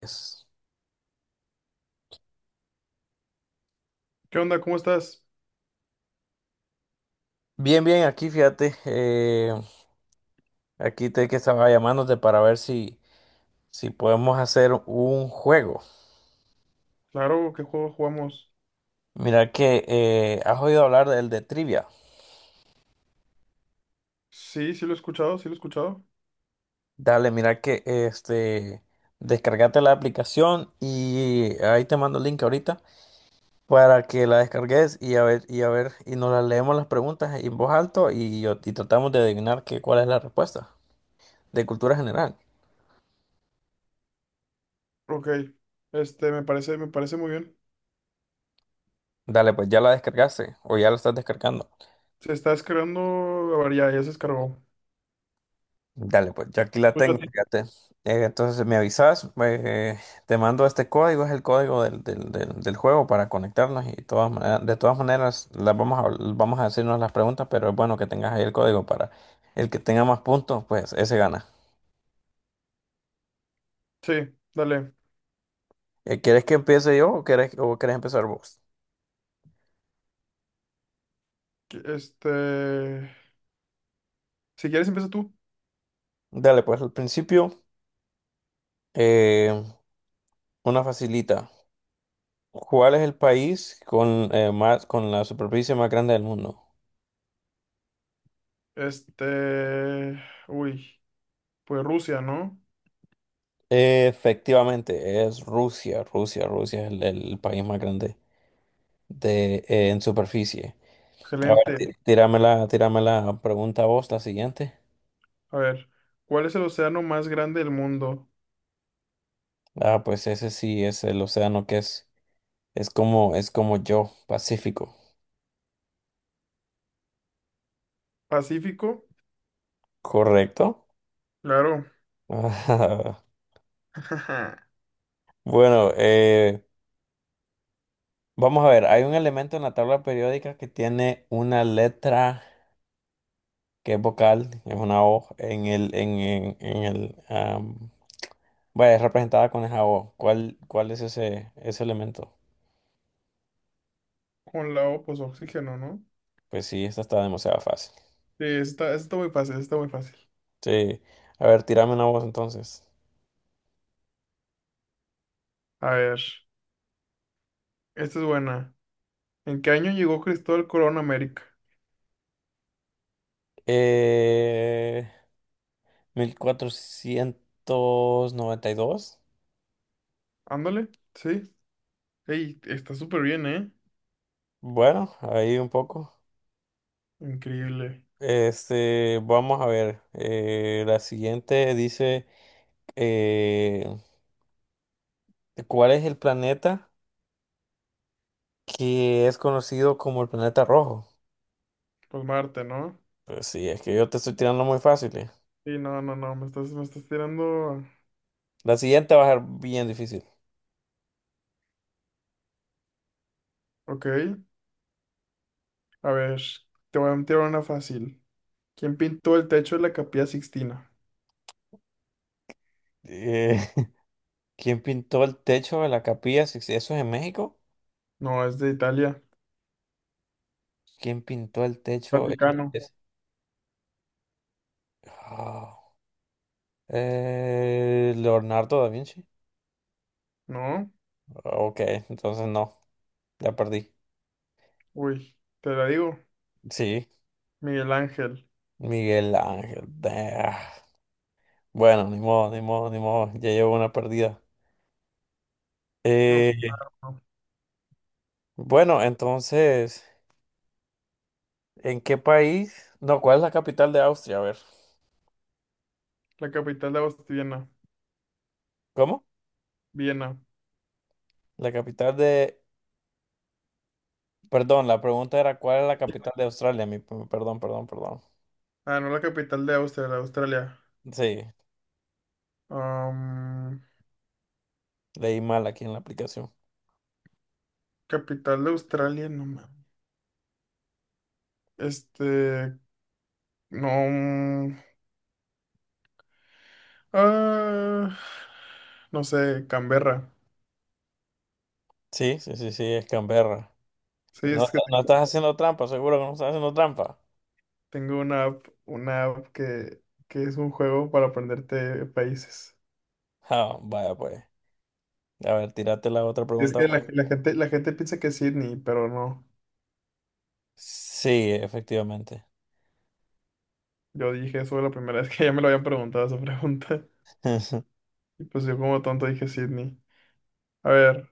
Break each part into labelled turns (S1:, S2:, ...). S1: Es-
S2: ¿Qué onda? ¿Cómo estás?
S1: Bien, bien, aquí fíjate, aquí te que estaba llamándote para ver si podemos hacer un juego.
S2: Claro, ¿qué juego jugamos?
S1: Mira que has oído hablar del de trivia.
S2: Sí, sí lo he escuchado, sí lo he escuchado.
S1: Dale, mira que descargate la aplicación y ahí te mando el link ahorita para que la descargues y a ver, y a ver, y nos las leemos las preguntas en voz alta y, y tratamos de adivinar cuál es la respuesta de cultura general.
S2: Ok, me parece muy bien.
S1: Dale, pues ya la descargaste o ya la estás descargando.
S2: Se está descargando, a ver, ya, ya se descargó.
S1: Dale, pues ya aquí la
S2: Pues ya
S1: tengo,
S2: te-
S1: fíjate. Entonces me avisas, te mando este código, es el código del juego para conectarnos y de todas maneras las vamos a hacernos las preguntas, pero es bueno que tengas ahí el código para el que tenga más puntos, pues ese gana.
S2: Sí, dale.
S1: ¿Quieres que empiece yo o o quieres empezar vos?
S2: Que- Este, si quieres empieza tú.
S1: Dale, pues al principio, eh, una facilita. ¿Cuál es el país con la superficie más grande del mundo?
S2: Este, uy, pues Rusia, ¿no?
S1: Efectivamente, es Rusia. Rusia, Rusia es el país más grande de, en superficie. A ver,
S2: Excelente.
S1: tírame tírame la pregunta a vos, la siguiente.
S2: A ver, ¿cuál es el océano más grande del mundo?
S1: Ah, pues ese sí es el es es como yo, Pacífico.
S2: ¿Pacífico?
S1: Correcto.
S2: Claro.
S1: Ajá. Bueno, vamos a ver, hay un elemento en la tabla periódica que tiene una letra que es vocal, es una O en el, vaya, es representada con el jabón. ¿ cuál es ese elemento?
S2: Con la O, pues oxígeno, ¿no?
S1: Pues sí, esta está demasiado fácil.
S2: Sí, está, está muy fácil, está muy fácil.
S1: Sí. A ver, tírame una voz entonces.
S2: A ver. Esta es buena. ¿En qué año llegó Cristóbal Colón a América?
S1: Eh, 1492.
S2: Ándale, sí. Ey, está súper bien, ¿eh?
S1: Bueno, ahí un poco.
S2: Increíble.
S1: Este, vamos a ver. La siguiente dice, eh, ¿cuál es el planeta que es conocido como el planeta rojo?
S2: Pues Marte, ¿no?
S1: Pues sí, es que yo te estoy tirando muy fácil.
S2: Sí, no, no, no, me estás tirando.
S1: La siguiente va a ser bien difícil.
S2: Ok, a ver, te voy a tirar una fácil. ¿Quién pintó el techo de la Capilla Sixtina?
S1: Eh, ¿Quién pintó el techo de la capilla? Six- ¿Eso es en México?
S2: No, es de Italia.
S1: ¿Quién pintó el techo?
S2: Vaticano.
S1: Es- Ah, Leonardo da Vinci.
S2: ¿No?
S1: Ok, entonces no, ya perdí.
S2: Uy, te la digo.
S1: Sí,
S2: Miguel Ángel.
S1: Miguel Ángel. Ah, bueno, ni modo, ni modo, ni modo. Ya llevo una perdida.
S2: No,
S1: Eh,
S2: no.
S1: bueno, entonces, ¿en qué país? No, ¿cuál es la capital de Austria? A ver.
S2: La capital de Austria, Viena.
S1: ¿Cómo?
S2: Viena.
S1: La capital de... Perdón, la pregunta era ¿cuál es la capital de Australia? Mi... Perdón, perdón, perdón.
S2: Ah, no, la capital de Austria, la de Australia.
S1: Sí. Leí mal aquí en la aplicación.
S2: Capital de Australia, no mames. Este, no. mm, Ah, no sé, Canberra.
S1: Sí, sí, sí, sí, es Canberra.
S2: Sí,
S1: No,
S2: es que te-
S1: no estás haciendo trampa, seguro que no estás haciendo trampa.
S2: Tengo una app que es un juego para aprenderte países.
S1: Ah, vaya pues. A ver, tírate la otra
S2: Es
S1: pregunta.
S2: que la, la gente piensa que es Sydney, pero no.
S1: Sí, efectivamente.
S2: Yo dije eso la primera vez que ya me lo habían preguntado esa pregunta. Y pues yo como tonto dije Sydney. A ver,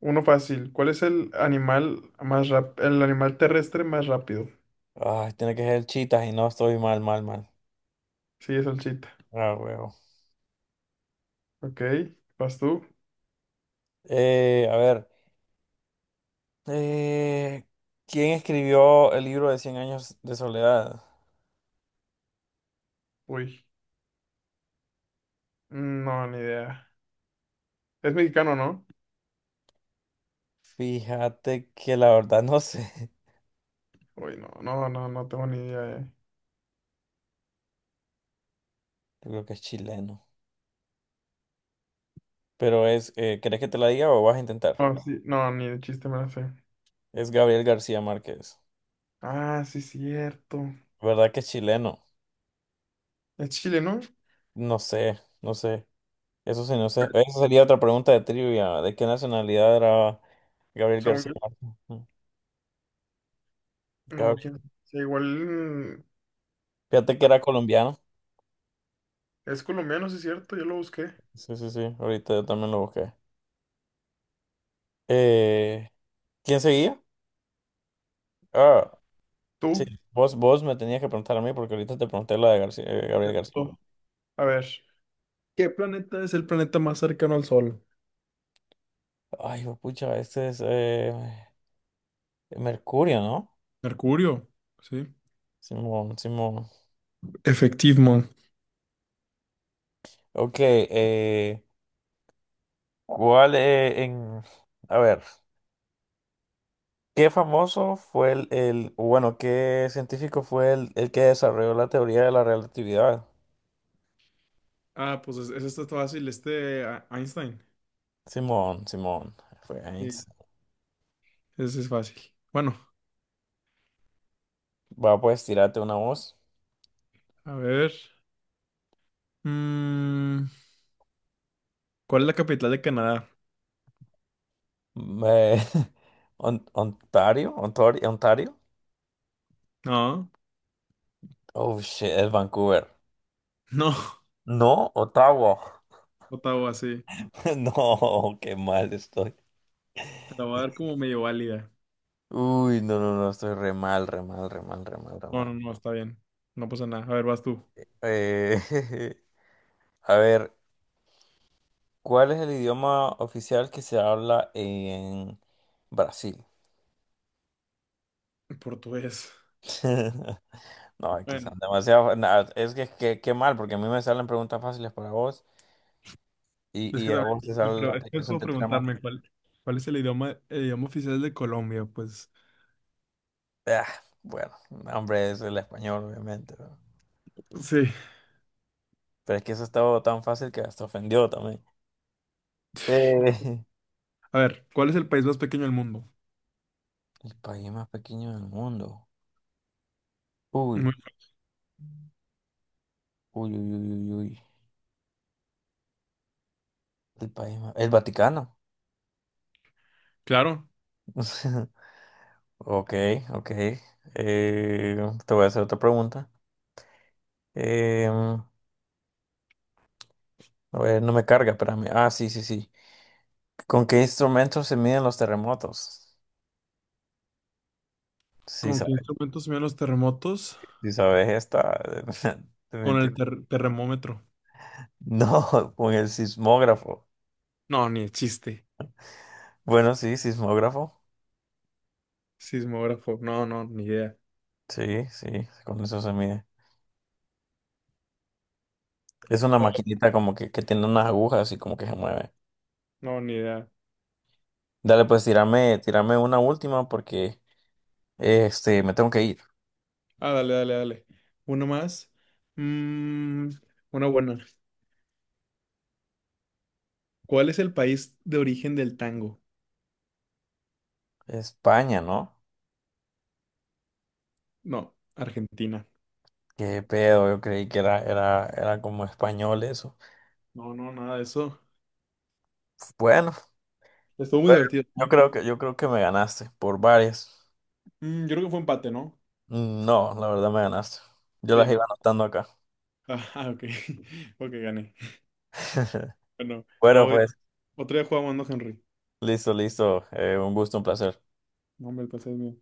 S2: uno fácil. ¿Cuál es el animal más rap- ¿El animal terrestre más rápido?
S1: Ay, tiene que ser chitas y no estoy mal, mal, mal.
S2: Sí, es el chita.
S1: Ah, huevo.
S2: Ok, ¿vas tú?
S1: A ver, eh, ¿quién escribió el libro de 100 años de soledad?
S2: Uy, no, ni idea. Es mexicano, ¿no?
S1: Fíjate que la verdad no sé.
S2: Uy, no, no, no, no tengo ni idea.
S1: Yo creo que es chileno. Pero es, ¿querés que te la diga o vas a intentar?
S2: No, sí, no, ni de chiste me la sé.
S1: Es Gabriel García Márquez.
S2: Ah, sí, cierto.
S1: ¿Verdad que es chileno?
S2: Es Chile, ¿no?
S1: No sé, no sé. Eso sí, no sé. Esa sería otra pregunta de trivia. ¿De qué nacionalidad era Gabriel
S2: Según
S1: García
S2: yo.
S1: Márquez?
S2: No,
S1: Gabriel.
S2: quién. Sí, igual,
S1: Fíjate que era colombiano.
S2: es colombiano, sí, cierto. Yo lo busqué.
S1: Sí, sí, sí. Ahorita yo también lo busqué. Eh, ¿Quién seguía? Ah, sí.
S2: ¿Tú?
S1: Vos, vos me tenías que preguntar a mí porque ahorita te pregunté la de Gabriel García
S2: Tú.
S1: Márquez.
S2: A ver. ¿Qué planeta es el planeta más cercano al Sol?
S1: Ay, hijo pucha, este es Mercurio, ¿no?
S2: Mercurio, sí.
S1: Simón, Simón.
S2: Efectivo.
S1: Ok, ¿cuál eh, en... A ver. ¿Qué famoso fue el- o bueno, qué científico fue el que desarrolló la teoría de la relatividad?
S2: Ah, pues es esto fácil, Einstein.
S1: Simón, Simón, fue
S2: Sí.
S1: Einstein.
S2: Ese es fácil. Bueno,
S1: Va, pues, tirarte una voz.
S2: a ver. Mm, ¿Cuál es la capital de Canadá?
S1: Me- Ontario, Ontario, Ontario.
S2: No,
S1: Oh, shit, es Vancouver.
S2: no,
S1: No, Ottawa.
S2: Ottawa, sí.
S1: No, qué mal estoy.
S2: Te la voy a dar como medio válida.
S1: Uy, no, no, no, estoy re mal, re mal, re mal, re mal, re
S2: No,
S1: mal.
S2: no, no, está bien. No pasa nada. A ver, vas tú.
S1: Eh, a ver. ¿Cuál es el idioma oficial que se habla en Brasil?
S2: Portugués.
S1: No, es que
S2: Bueno,
S1: son demasiado. Es qué mal, porque a mí me salen preguntas fáciles para vos
S2: es
S1: y
S2: que
S1: a
S2: también,
S1: vos te sale la
S2: es que es
S1: aplicación,
S2: como
S1: te tira más.
S2: preguntarme cuál, cuál es el idioma oficial de Colombia, pues.
S1: Ah, bueno, no, hombre, es el español, obviamente, ¿no?
S2: Sí.
S1: Pero es que eso estaba tan fácil que hasta ofendió también. Eh,
S2: A ver, ¿cuál es el país más pequeño del mundo?
S1: el país más pequeño del mundo. Uy,
S2: Muy-
S1: uy, uy, uy, uy, uy. El país más... El Vaticano.
S2: claro.
S1: Ok, ok. Eh, te voy a hacer otra pregunta. Em, a ver, no me carga, espérame. Ah, sí, sí, sí. ¿Con qué instrumentos se miden los terremotos? Si
S2: ¿Con qué
S1: sabes,
S2: instrumento se miden los terremotos?
S1: si sabes esta. definitiv-
S2: Termómetro.
S1: No, con el sismógrafo.
S2: No, ni de chiste.
S1: Bueno, sí, sismógrafo.
S2: Sismógrafo. No, no, ni idea.
S1: Sí, sí, con eso se mide. Es una
S2: Oh,
S1: maquinita como que tiene unas agujas y como que se mueve.
S2: no, ni idea.
S1: Dale, pues tírame, tírame una última porque este, me tengo que ir.
S2: Ah, dale, dale, dale. Uno más. Mm, una buena. ¿Cuál es el país de origen del tango?
S1: España, ¿no?
S2: No, Argentina.
S1: Qué pedo, yo creí que era como español eso.
S2: No, no, nada de eso.
S1: Bueno,
S2: Estuvo muy
S1: bueno,
S2: divertido,
S1: yo
S2: ¿no?
S1: creo yo creo que me ganaste por varias.
S2: Mm, yo creo que fue empate, ¿no?
S1: Mm, no, la verdad me ganaste. Yo
S2: Sí,
S1: las iba
S2: no.
S1: anotando acá.
S2: Ah, ok. Ok, gané. Bueno, no,
S1: Bueno,
S2: güey.
S1: pues,
S2: Otro día jugamos, ¿no, Henry?
S1: listo, listo. Un gusto, un placer.
S2: No, hombre, el placer es mío.